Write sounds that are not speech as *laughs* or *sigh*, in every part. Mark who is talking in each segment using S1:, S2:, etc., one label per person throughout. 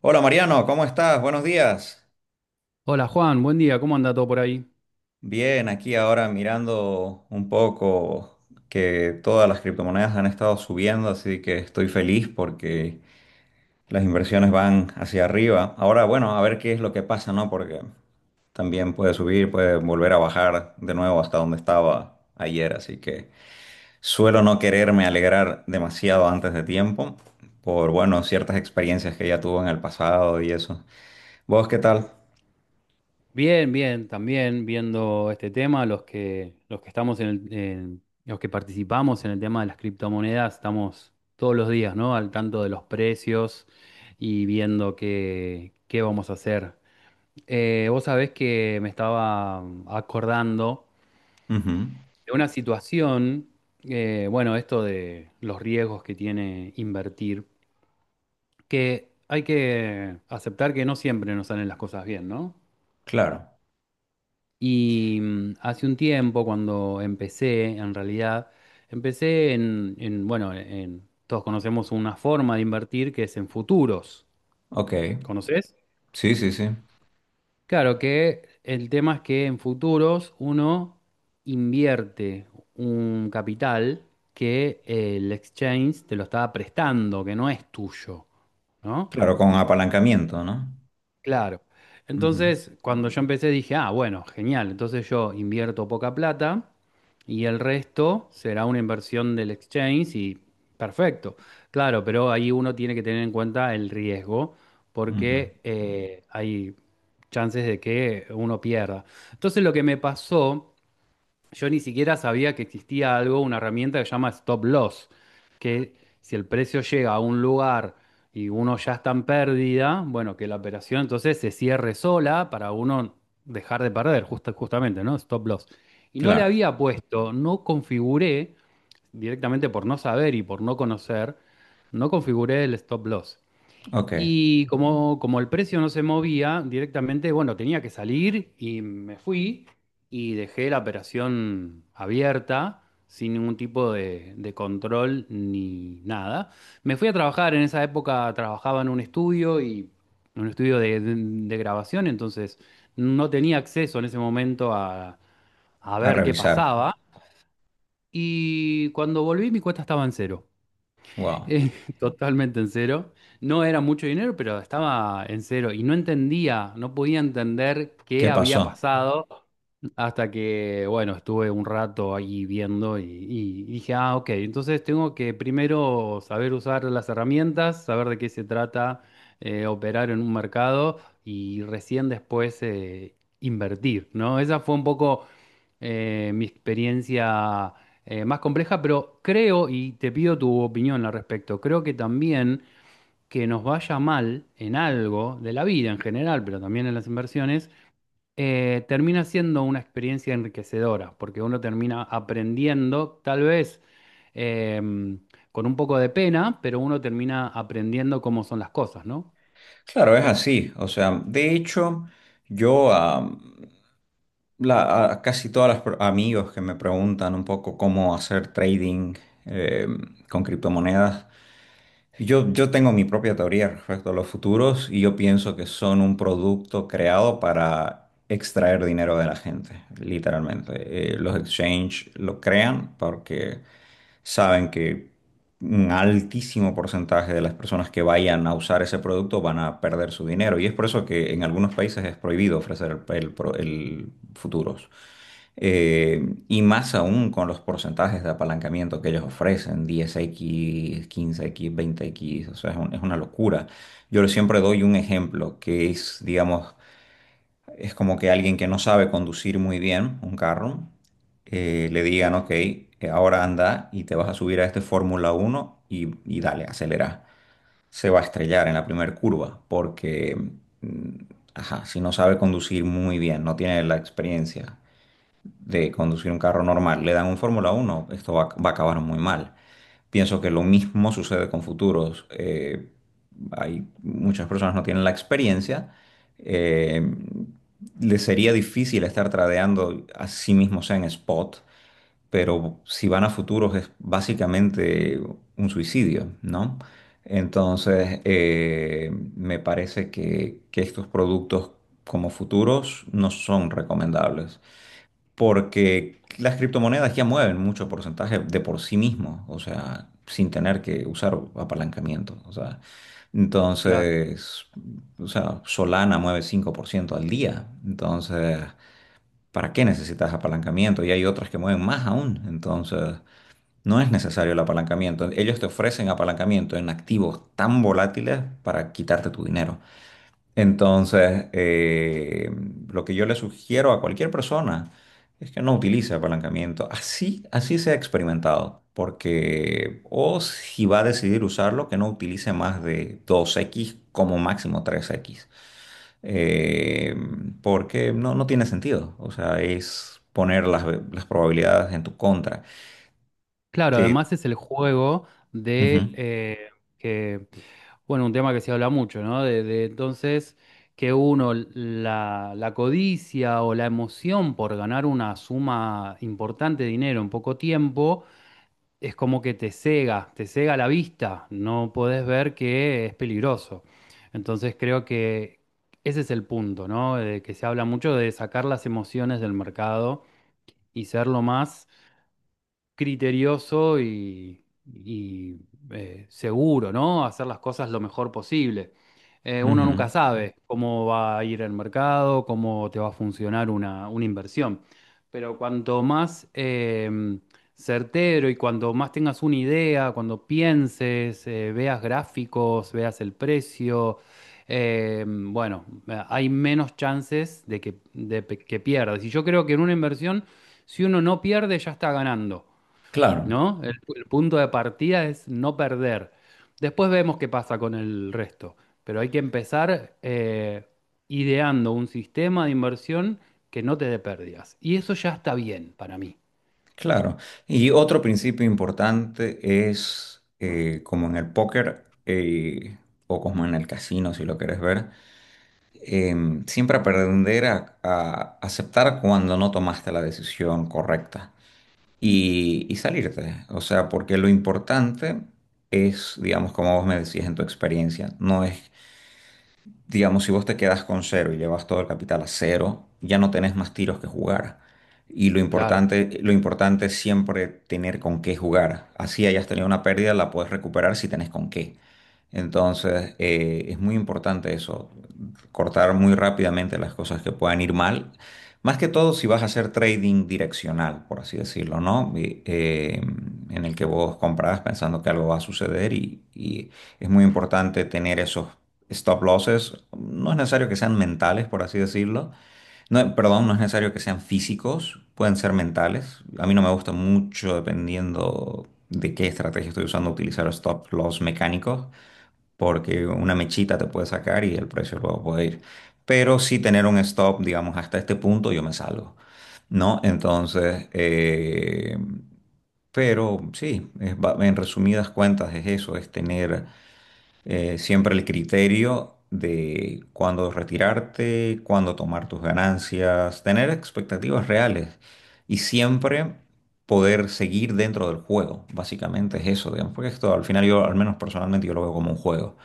S1: Hola Mariano, ¿cómo estás? Buenos días.
S2: Hola Juan, buen día, ¿cómo anda todo por ahí?
S1: Bien, aquí ahora mirando un poco que todas las criptomonedas han estado subiendo, así que estoy feliz porque las inversiones van hacia arriba. Ahora, bueno, a ver qué es lo que pasa, ¿no? Porque también puede subir, puede volver a bajar de nuevo hasta donde estaba ayer, así que suelo no quererme alegrar demasiado antes de tiempo por, bueno, ciertas experiencias que ya tuve en el pasado y eso. ¿Vos qué tal?
S2: Bien, bien, también viendo este tema, los que estamos en los que participamos en el tema de las criptomonedas, estamos todos los días, ¿no? Al tanto de los precios y viendo qué vamos a hacer. Vos sabés que me estaba acordando
S1: Ujú,
S2: de una situación, bueno, esto de los riesgos que tiene invertir, que hay que aceptar que no siempre nos salen las cosas bien, ¿no?
S1: claro.
S2: Y hace un tiempo, cuando empecé, en realidad, empecé en, todos conocemos una forma de invertir que es en futuros.
S1: Ok,
S2: ¿Conoces?
S1: sí, sí, sí.
S2: Claro que el tema es que en futuros uno invierte un capital que el exchange te lo está prestando, que no es tuyo, ¿no?
S1: Claro, con apalancamiento, no.
S2: Claro.
S1: Ujú,
S2: Entonces, cuando yo empecé dije, ah, bueno, genial, entonces yo invierto poca plata y el resto será una inversión del exchange y perfecto. Claro, pero ahí uno tiene que tener en cuenta el riesgo
S1: ujú.
S2: porque hay chances de que uno pierda. Entonces, lo que me pasó, yo ni siquiera sabía que existía algo, una herramienta que se llama Stop Loss, que si el precio llega a un lugar y uno ya está en pérdida, bueno, que la operación entonces se cierre sola para uno dejar de perder, justamente, ¿no? Stop Loss. Y no le
S1: Claro,
S2: había puesto, no configuré, directamente por no saber y por no conocer, no configuré el Stop Loss.
S1: ok.
S2: Y como el precio no se movía directamente, bueno, tenía que salir y me fui y dejé la operación abierta sin ningún tipo de control ni nada. Me fui a trabajar, en esa época trabajaba en un estudio y en un estudio de grabación, entonces no tenía acceso en ese momento a
S1: A
S2: ver qué
S1: revisar.
S2: pasaba. Y cuando volví mi cuenta estaba en cero.
S1: Wow.
S2: Eh, *laughs* totalmente en cero. No era mucho dinero, pero estaba en cero y no entendía, no podía entender qué
S1: ¿Qué
S2: había
S1: pasó?
S2: pasado hasta que, bueno, estuve un rato ahí viendo y dije, ah, ok, entonces tengo que primero saber usar las herramientas, saber de qué se trata, operar en un mercado y recién después invertir, ¿no? Esa fue un poco mi experiencia más compleja, pero creo, y te pido tu opinión al respecto, creo que también que nos vaya mal en algo de la vida en general, pero también en las inversiones, termina siendo una experiencia enriquecedora, porque uno termina aprendiendo, tal vez eh, con un poco de pena, pero uno termina aprendiendo cómo son las cosas, ¿no?
S1: Claro, es así. O sea, de hecho, yo a, a casi todas amigos que me preguntan un poco cómo hacer trading eh, con criptomonedas. Yo tengo mi propia teoría respecto a los futuros y yo pienso que son un producto creado para extraer dinero de la gente, literalmente. Los exchange lo crean porque saben que un altísimo porcentaje de las personas que vayan a usar ese producto van a perder su dinero y es por eso que en algunos países es prohibido ofrecer el futuros. Y más aún con los porcentajes de apalancamiento que ellos ofrecen, 10x 15x 20x, o sea, es una locura. Yo siempre doy un ejemplo que es, digamos, es como que alguien que no sabe conducir muy bien un carro, le digan, ok, ahora anda y te vas a subir a este Fórmula uno y dale, acelera. Se va a estrellar en la primera curva porque, mm, ajá, si no sabe conducir muy bien, no tiene la experiencia de conducir un carro normal, le dan un Fórmula uno, esto va a acabar muy mal. Pienso que lo mismo sucede con futuros. Hay muchas personas no tienen la experiencia. eh, Les sería difícil estar tradeando a sí mismos en spot, pero si van a futuros es básicamente un suicidio, ¿no? Entonces, me parece que estos productos como futuros no son recomendables porque las criptomonedas ya mueven mucho porcentaje de por sí mismo, o sea, sin tener que usar apalancamiento, o sea,
S2: Claro.
S1: entonces, o sea, Solana mueve 5% al día, entonces, ¿para qué necesitas apalancamiento? Y hay otras que mueven más aún, entonces, no es necesario el apalancamiento. Ellos te ofrecen apalancamiento en activos tan volátiles para quitarte tu dinero. Entonces, lo que yo le sugiero a cualquier persona es que no utilice apalancamiento. Así, así se ha experimentado. Porque, o si va a decidir usarlo, que no utilice más de 2x como máximo 3x. Eh, Porque no tiene sentido. O sea, es poner las probabilidades en tu contra.
S2: Claro,
S1: Te,
S2: además es el juego
S1: Ujú,
S2: de que, bueno, un tema que se habla mucho, ¿no? Entonces que uno la codicia o la emoción por ganar una suma importante de dinero en poco tiempo es como que te cega la vista, no podés ver que es peligroso. Entonces creo que ese es el punto, ¿no? De que se habla mucho de sacar las emociones del mercado y ser lo más criterioso y seguro, ¿no? Hacer las cosas lo mejor posible. Uno
S1: ujú.
S2: nunca sabe cómo va a ir el mercado, cómo te va a funcionar una inversión. Pero cuanto más certero y cuanto más tengas una idea, cuando pienses, veas gráficos, veas el precio, bueno, hay menos chances de que, que pierdas. Y yo creo que en una inversión, si uno no pierde, ya está ganando.
S1: Claro.
S2: ¿No? El punto de partida es no perder. Después vemos qué pasa con el resto, pero hay que empezar ideando un sistema de inversión que no te dé pérdidas. Y eso ya está bien para mí.
S1: Claro. Y otro principio importante es, como en el póker, o como en el casino, si lo quieres ver, siempre aprender a aceptar cuando no tomaste la decisión correcta y salirte. O sea, porque lo importante es, digamos, como vos me decías en tu experiencia, no es, digamos, si vos te quedas con cero y llevas todo el capital a cero, ya no tenés más tiros que jugar. Y
S2: Claro,
S1: lo importante es siempre tener con qué jugar. Así hayas tenido una pérdida, la puedes recuperar si tenés con qué. Entonces, es muy importante eso, cortar muy rápidamente las cosas que puedan ir mal. Más que todo si vas a hacer trading direccional, por así decirlo, ¿no? En el que vos compras pensando que algo va a suceder y es muy importante tener esos stop losses, no es necesario que sean mentales, por así decirlo. No, perdón, no es necesario que sean físicos, pueden ser mentales. A mí no me gusta mucho, dependiendo de qué estrategia estoy usando, utilizar stop loss mecánicos, porque una mechita te puede sacar y el precio luego puede ir. Pero sí tener un stop, digamos, hasta este punto yo me salgo, ¿no? Entonces, pero sí, en resumidas cuentas es eso, es tener siempre el criterio de cuándo retirarte, cuándo tomar tus ganancias, tener expectativas reales y siempre poder seguir dentro del juego. Básicamente es eso, digamos, porque esto al final yo, al menos personalmente, yo lo veo como un juego.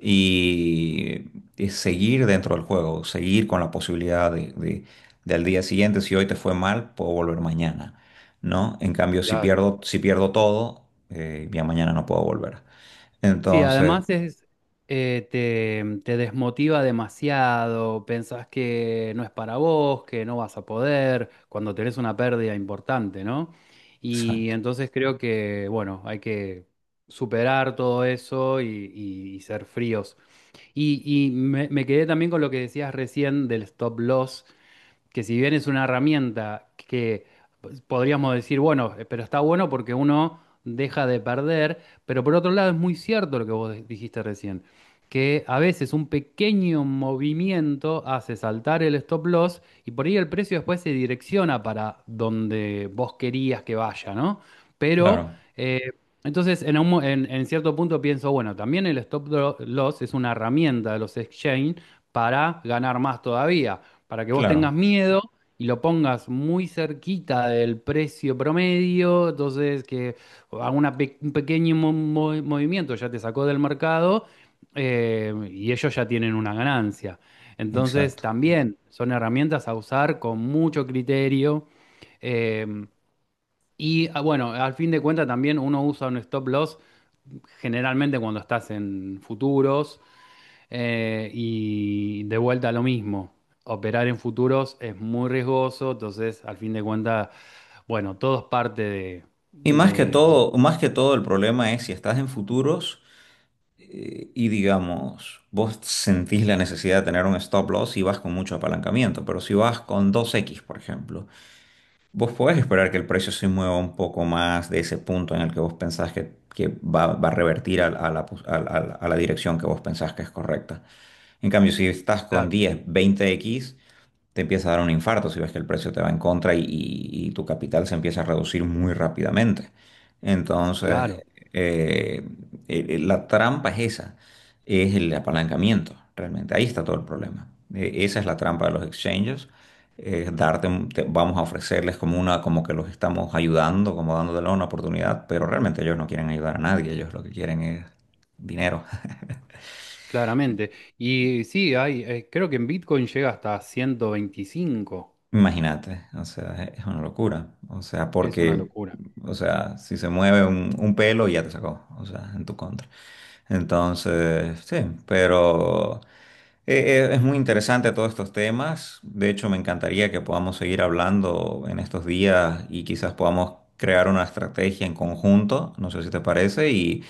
S1: Y es seguir dentro del juego, seguir con la posibilidad de al día siguiente, si hoy te fue mal, puedo volver mañana, ¿no? En cambio, si
S2: claro.
S1: pierdo, si pierdo todo, ya mañana no puedo volver.
S2: Sí,
S1: Entonces,
S2: además es, te desmotiva demasiado, pensás que no es para vos, que no vas a poder, cuando tenés una pérdida importante, ¿no? Y
S1: exacto,
S2: entonces creo que, bueno, hay que superar todo eso y ser fríos. Y, y me quedé también con lo que decías recién del stop loss que si bien es una herramienta que pues, podríamos decir, bueno, pero está bueno porque uno deja de perder, pero por otro lado es muy cierto lo que vos dijiste recién, que a veces un pequeño movimiento hace saltar el stop loss y por ahí el precio después se direcciona para donde vos querías que vaya, ¿no? Pero
S1: claro,
S2: eh, entonces, en, un mo- en cierto punto pienso, bueno, también el loss es una herramienta de los exchange para ganar más todavía para que vos tengas
S1: claro,
S2: miedo y lo pongas muy cerquita del precio promedio, entonces que haga un pequeño movimiento ya te sacó del mercado y ellos ya tienen una ganancia. Entonces
S1: exacto.
S2: también son herramientas a usar con mucho criterio. eh, bueno, al fin de cuentas también uno usa un stop loss generalmente cuando estás en futuros y de vuelta lo mismo, operar en futuros es muy riesgoso, entonces al fin de cuentas, bueno, todo es parte de,
S1: Y
S2: de-
S1: más que todo el problema es si estás en futuros, y digamos, vos sentís la necesidad de tener un stop loss y vas con mucho apalancamiento, pero si vas con 2x por ejemplo, vos podés esperar que el precio se mueva un poco más de ese punto en el que vos pensás que va, a revertir a la dirección que vos pensás que es correcta. En cambio, si estás con
S2: Claro,
S1: 10, 20x te empieza a dar un infarto si ves que el precio te va en contra y tu capital se empieza a reducir muy rápidamente.
S2: claro,
S1: Entonces, eh, la trampa es esa, es el apalancamiento, realmente. Ahí está todo el problema. Esa es la trampa de los exchanges. Darte, vamos a ofrecerles como una, como que los estamos ayudando, como dándoles una oportunidad, pero realmente ellos no quieren ayudar a nadie, ellos lo que quieren es dinero.
S2: claramente. Y sí, hay, creo que en Bitcoin llega hasta 125,
S1: Imagínate, o sea, es una locura. O sea,
S2: es una
S1: porque,
S2: locura.
S1: o sea, si se mueve un pelo ya te sacó, o sea, en tu contra. Entonces, sí, pero es muy interesante todos estos temas. De hecho, me encantaría que podamos seguir hablando en estos días y quizás podamos crear una estrategia en conjunto, no sé si te parece, y,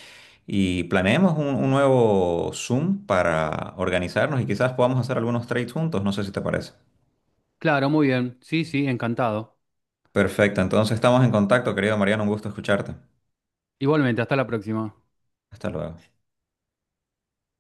S1: y planeemos un nuevo Zoom para organizarnos y quizás podamos hacer algunos trades juntos, no sé si te parece.
S2: Claro, muy bien, sí, sí, encantado.
S1: Perfecto, entonces estamos en contacto, querido Mariano, un gusto escucharte.
S2: Igualmente, hasta la próxima.
S1: Hasta luego.